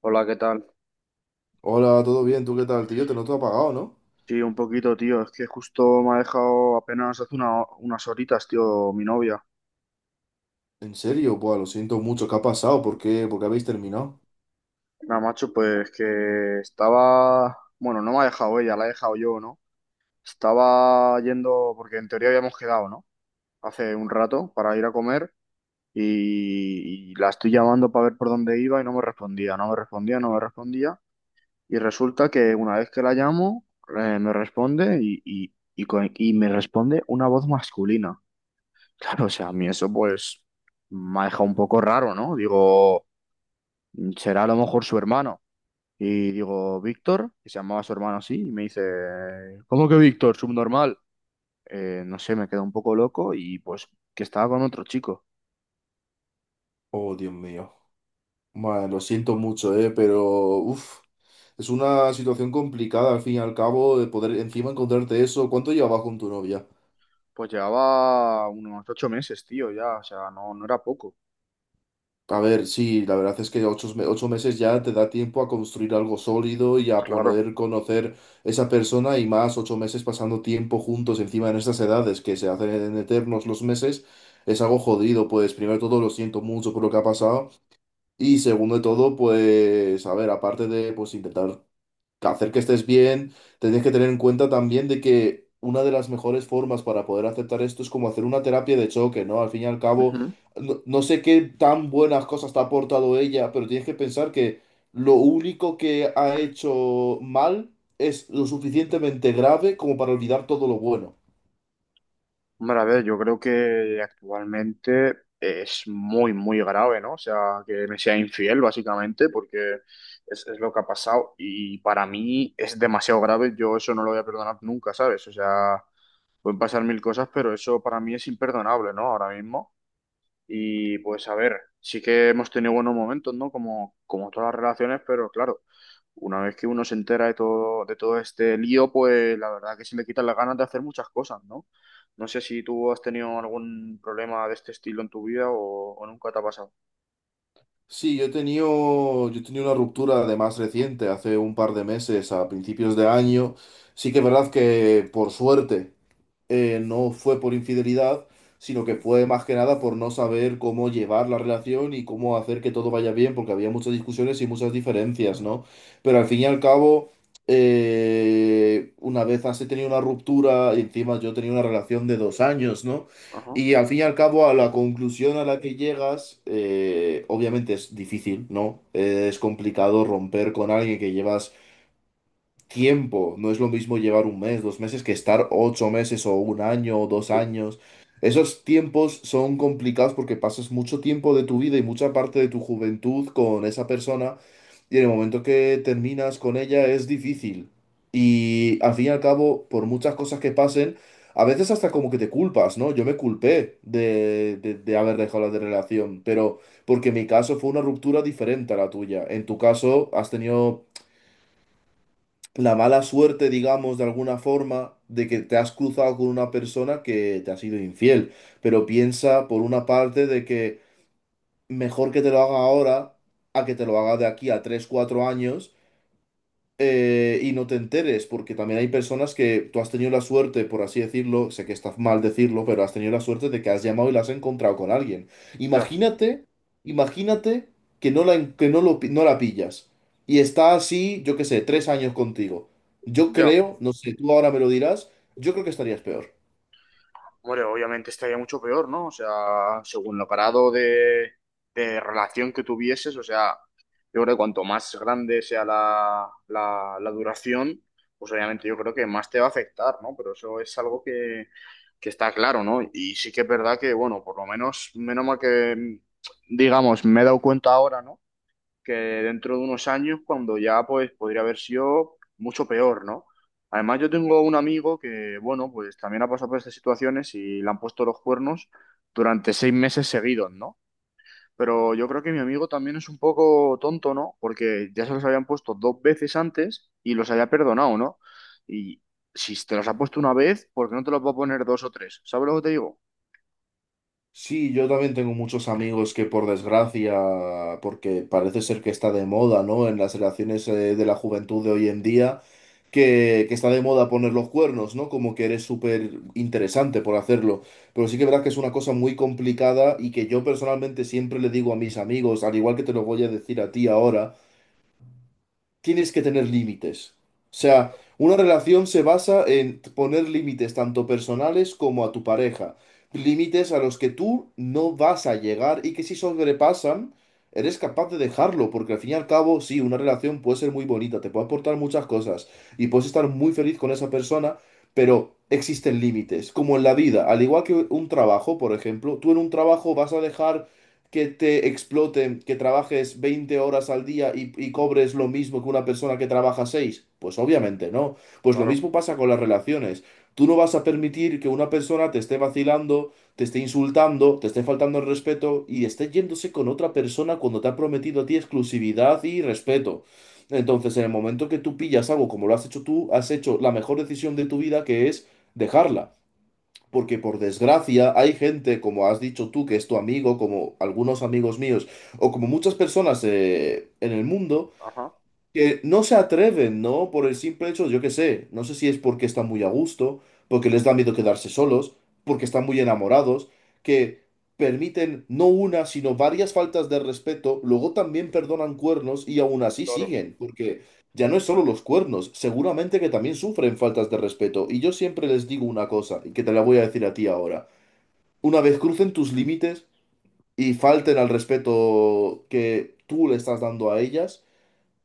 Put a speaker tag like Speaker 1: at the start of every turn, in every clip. Speaker 1: Hola, ¿qué tal?
Speaker 2: Hola, ¿todo bien? ¿Tú qué tal, tío? Te noto apagado, ¿no?
Speaker 1: Sí, un poquito, tío. Es que justo me ha dejado apenas hace unas horitas, tío, mi novia.
Speaker 2: En serio, buah, lo siento mucho. ¿Qué ha pasado? ¿Por qué? ¿Por qué habéis terminado?
Speaker 1: Nada, macho, pues que bueno, no me ha dejado ella, la he dejado yo, ¿no? Estaba yendo, porque en teoría habíamos quedado, ¿no? Hace un rato para ir a comer y la estoy llamando para ver por dónde iba y no me respondía, no me respondía, no me respondía. Y resulta que una vez que la llamo, me responde y me responde una voz masculina. Claro, o sea, a mí eso pues me ha dejado un poco raro, ¿no? Digo, será a lo mejor su hermano. Y digo, Víctor, que se llamaba su hermano así, y me dice, ¿cómo que Víctor? Subnormal. No sé, me quedé un poco loco y pues que estaba con otro chico.
Speaker 2: Oh, Dios mío. Bueno, lo siento mucho, pero uf, es una situación complicada al fin y al cabo de poder encima encontrarte eso. ¿Cuánto llevabas con tu novia?
Speaker 1: Pues llevaba unos 8 meses, tío, ya, o sea, no, no era poco.
Speaker 2: A ver, sí, la verdad es que 8 meses ya te da tiempo a construir algo sólido y a
Speaker 1: Claro.
Speaker 2: poder conocer esa persona y más 8 meses pasando tiempo juntos encima en estas edades que se hacen en eternos los meses, es algo jodido, pues primero de todo lo siento mucho por lo que ha pasado y segundo de todo, pues a ver, aparte de pues intentar hacer que estés bien, tienes que tener en cuenta también de que una de las mejores formas para poder aceptar esto es como hacer una terapia de choque, ¿no? Al fin y al cabo,
Speaker 1: Ujú.
Speaker 2: no, no sé qué tan buenas cosas te ha aportado ella, pero tienes que pensar que lo único que ha hecho mal es lo suficientemente grave como para olvidar todo lo bueno.
Speaker 1: Hombre, a ver, yo creo que actualmente es muy, muy grave, ¿no? O sea, que me sea infiel, básicamente, porque es lo que ha pasado. Y para mí es demasiado grave, yo eso no lo voy a perdonar nunca, ¿sabes? O sea, pueden pasar mil cosas, pero eso para mí es imperdonable, ¿no? Ahora mismo. Y pues a ver, sí que hemos tenido buenos momentos, ¿no? Como todas las relaciones, pero claro, una vez que uno se entera de todo este lío, pues la verdad que se le quitan las ganas de hacer muchas cosas, ¿no? No sé si tú has tenido algún problema de este estilo en tu vida o nunca te ha pasado.
Speaker 2: Sí, yo he tenido una ruptura además reciente, hace un par de meses, a principios de año. Sí que es verdad que por suerte. No fue por infidelidad, sino que
Speaker 1: Ujú.
Speaker 2: fue más que nada por no saber cómo llevar la relación y cómo hacer que todo vaya bien, porque había muchas discusiones y muchas diferencias, ¿no? Pero al fin y al cabo, una vez has tenido una ruptura, y encima yo tenía una relación de 2 años, ¿no?
Speaker 1: Ajá.
Speaker 2: Y al fin y al cabo, a la conclusión a la que llegas, obviamente es difícil, ¿no? Es complicado romper con alguien que llevas tiempo. No es lo mismo llevar un mes, 2 meses, que estar 8 meses o un año o 2 años. Esos tiempos son complicados porque pasas mucho tiempo de tu vida y mucha parte de tu juventud con esa persona y en el momento que terminas con ella es difícil. Y al fin y al cabo, por muchas cosas que pasen, a veces hasta como que te culpas, ¿no? Yo me culpé de haber dejado la de relación, pero porque mi caso fue una ruptura diferente a la tuya. En tu caso has tenido la mala suerte, digamos, de alguna forma, de que te has cruzado con una persona que te ha sido infiel. Pero piensa, por una parte, de que mejor que te lo haga ahora a que te lo haga de aquí a 3 4 años y no te enteres, porque también hay personas que tú has tenido la suerte, por así decirlo, sé que está mal decirlo, pero has tenido la suerte de que has llamado y la has encontrado con alguien.
Speaker 1: Ya,
Speaker 2: Imagínate, imagínate que no la, en- que no lo, pi- no la pillas y está así, yo qué sé, 3 años contigo. Yo
Speaker 1: ya.
Speaker 2: creo, no sé, tú ahora me lo dirás, yo creo que estarías peor.
Speaker 1: Hombre, obviamente estaría mucho peor, ¿no? O sea, según lo parado de relación que tuvieses, o sea, yo creo que cuanto más grande sea la duración, pues obviamente yo creo que más te va a afectar, ¿no? Pero eso es algo que está claro, ¿no? Y sí que es verdad que, bueno, por lo menos, menos mal que, digamos, me he dado cuenta ahora, ¿no? Que dentro de unos años, cuando ya pues podría haber sido mucho peor, ¿no? Además, yo tengo un amigo que, bueno, pues también ha pasado por estas situaciones y le han puesto los cuernos durante 6 meses seguidos, ¿no? Pero yo creo que mi amigo también es un poco tonto, ¿no? Porque ya se los habían puesto dos veces antes y los había perdonado, ¿no? Y si te los ha puesto una vez, ¿por qué no te los va a poner dos o tres? ¿Sabes lo que te digo?
Speaker 2: Sí, yo también tengo muchos amigos que por desgracia, porque parece ser que está de moda, ¿no? En las relaciones de la juventud de hoy en día, que está de moda poner los cuernos, ¿no? Como que eres súper interesante por hacerlo. Pero
Speaker 1: Sí,
Speaker 2: sí que es verdad que
Speaker 1: macho.
Speaker 2: es una cosa muy complicada y que yo personalmente siempre le digo a mis amigos, al igual que te lo voy a decir a ti ahora, tienes que tener límites. O sea, una relación se basa en poner límites tanto personales como a tu pareja. Límites a los que tú no vas a llegar y que si sobrepasan, eres capaz de dejarlo, porque al fin y al cabo, sí, una relación puede ser muy bonita, te puede aportar muchas cosas y puedes estar muy feliz con esa persona, pero existen límites, como en la vida, al igual que un trabajo, por ejemplo, tú en un trabajo vas a dejar que te exploten, que trabajes 20 horas al día y cobres lo mismo que una persona que trabaja seis. Pues obviamente no. Pues lo
Speaker 1: Claro,
Speaker 2: mismo pasa con las relaciones. Tú no vas a permitir que una persona te esté vacilando, te esté insultando, te esté faltando el respeto y esté yéndose con otra persona cuando te ha prometido a ti exclusividad y respeto. Entonces, en el momento que tú pillas algo como lo has hecho tú, has hecho la mejor decisión de tu vida, que es dejarla. Porque por desgracia hay gente, como has dicho tú, que es tu amigo, como algunos amigos míos, o como muchas personas en el mundo,
Speaker 1: ajá.
Speaker 2: que no se atreven, ¿no? Por el simple hecho, yo qué sé, no sé si es porque están muy a gusto, porque les da miedo quedarse solos, porque están muy enamorados, que permiten no una, sino varias faltas de respeto, luego también perdonan cuernos y aún así
Speaker 1: Claro.
Speaker 2: siguen, porque ya no es solo los cuernos, seguramente que también sufren faltas de respeto. Y yo siempre les digo una cosa, y que te la voy a decir a ti ahora. Una vez crucen tus límites y falten al respeto que tú le estás dando a ellas,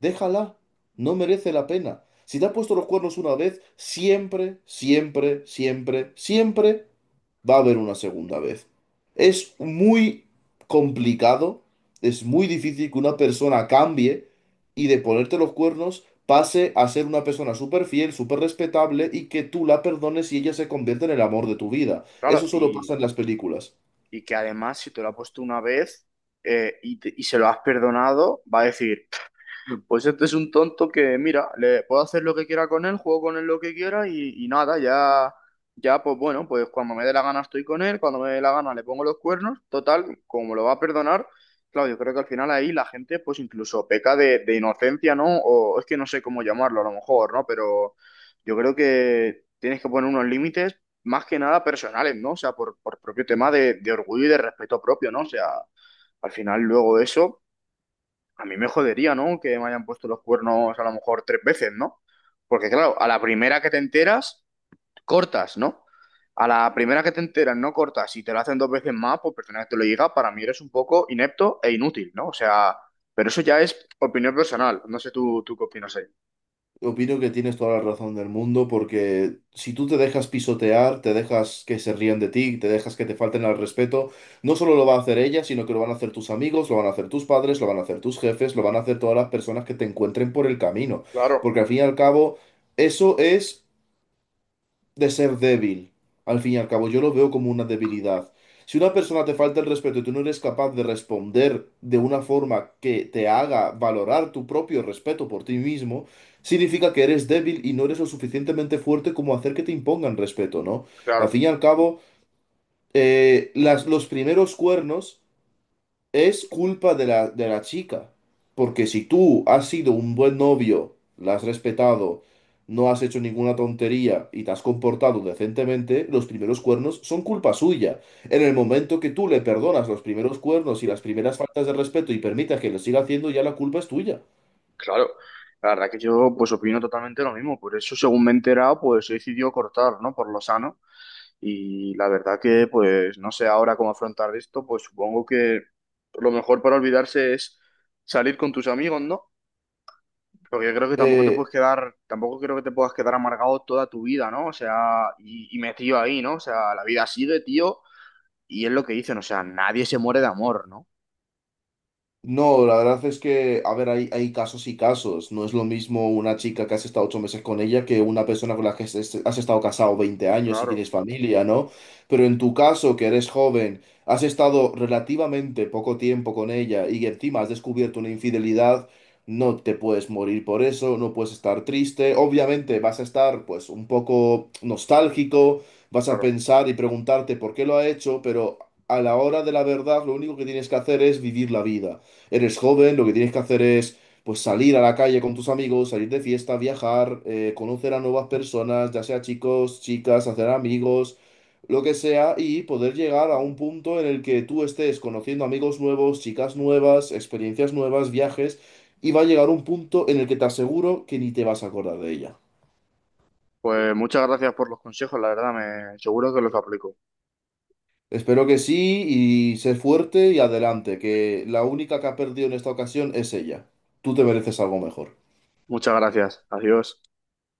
Speaker 2: déjala, no merece la pena. Si te ha puesto los cuernos una vez, siempre, siempre, siempre, siempre va a haber una segunda vez. Es muy complicado, es muy difícil que una persona cambie y de ponerte los cuernos pase a ser una persona súper fiel, súper respetable y que tú la perdones y ella se convierta en el amor de tu vida. Eso
Speaker 1: Claro,
Speaker 2: solo
Speaker 1: y
Speaker 2: pasa en las películas.
Speaker 1: Y que además, si te lo ha puesto una vez y se lo has perdonado, va a decir, pues este es un tonto que, mira, le puedo hacer lo que quiera con él, juego con él lo que quiera y nada, ya, ya, pues bueno, pues cuando me dé la gana estoy con él, cuando me dé la gana le pongo los cuernos, total, como lo va a perdonar, claro, yo creo que al final ahí la gente pues incluso peca de inocencia, ¿no? O es que no sé cómo llamarlo a lo mejor, ¿no? Pero yo creo que tienes que poner unos límites más que nada personales, ¿no? O sea, por propio tema de orgullo y de respeto propio, ¿no? O sea... Al final, luego eso, a mí me jodería, ¿no? Que me hayan puesto los cuernos a lo mejor tres veces, ¿no? Porque claro, a la primera que te enteras, cortas, ¿no? A la primera que te enteras, no cortas. Si te lo hacen dos veces más, pues persona que te lo diga, para mí eres un poco inepto e inútil, ¿no? O sea, pero eso ya es opinión personal. No sé tú, tú qué opinas ahí.
Speaker 2: Opino que tienes toda la razón del mundo porque si tú te dejas pisotear, te dejas que se rían de ti, te dejas que te falten al respeto, no solo lo va a hacer ella, sino que lo van a hacer tus amigos, lo van a hacer tus padres, lo van a hacer tus jefes, lo van a hacer todas las personas que te encuentren por el camino.
Speaker 1: Claro,
Speaker 2: Porque al fin y al cabo, eso es de ser débil. Al fin y al cabo, yo lo veo como una debilidad. Si una persona te falta el respeto y tú no eres capaz de responder de una forma que te haga valorar tu propio respeto por ti mismo, significa que eres débil y no eres lo suficientemente fuerte como hacer que te impongan respeto, ¿no? Al
Speaker 1: claro,
Speaker 2: fin y al cabo, los primeros cuernos es culpa de la chica, porque si tú has sido un buen novio, la has respetado, no has hecho ninguna tontería y te has comportado decentemente, los primeros cuernos son culpa suya. En el momento que tú le perdonas los primeros cuernos y las primeras faltas de respeto y permitas que lo siga haciendo, ya la culpa es tuya.
Speaker 1: claro. La verdad que yo pues opino totalmente lo mismo. Por eso, según me he enterado, pues he decidido cortar, ¿no? Por lo sano. Y la verdad que, pues, no sé ahora cómo afrontar esto, pues supongo que lo mejor para olvidarse es salir con tus amigos, ¿no? Porque yo creo que tampoco te
Speaker 2: Eh,
Speaker 1: puedes quedar, tampoco creo que te puedas quedar amargado toda tu vida, ¿no? O sea, y metido ahí, ¿no? O sea, la vida sigue, tío, y es lo que dicen, o sea, nadie se muere de amor, ¿no?
Speaker 2: No, la verdad es que, a ver, hay casos y casos. No es lo mismo una chica que has estado 8 meses con ella que una persona con la que has estado casado 20 años y tienes
Speaker 1: Claro,
Speaker 2: familia, ¿no? Pero en tu caso, que eres joven, has estado relativamente poco tiempo con ella y encima has descubierto una infidelidad, no te puedes morir por eso, no puedes estar triste. Obviamente vas a estar, pues, un poco nostálgico, vas a
Speaker 1: claro.
Speaker 2: pensar y preguntarte por qué lo ha hecho, pero a la hora de la verdad, lo único que tienes que hacer es vivir la vida. Eres joven, lo que tienes que hacer es pues salir a la calle con tus amigos, salir de fiesta, viajar, conocer a nuevas personas, ya sea chicos, chicas, hacer amigos, lo que sea, y poder llegar a un punto en el que tú estés conociendo amigos nuevos, chicas nuevas, experiencias nuevas, viajes, y va a llegar un punto en el que te aseguro que ni te vas a acordar de ella.
Speaker 1: Pues muchas gracias por los consejos, la verdad, me seguro que los aplico.
Speaker 2: Espero que sí y sé fuerte y adelante, que la única que ha perdido en esta ocasión es ella. Tú te mereces algo mejor.
Speaker 1: Muchas gracias. Adiós.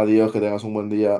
Speaker 2: Adiós, que tengas un buen día.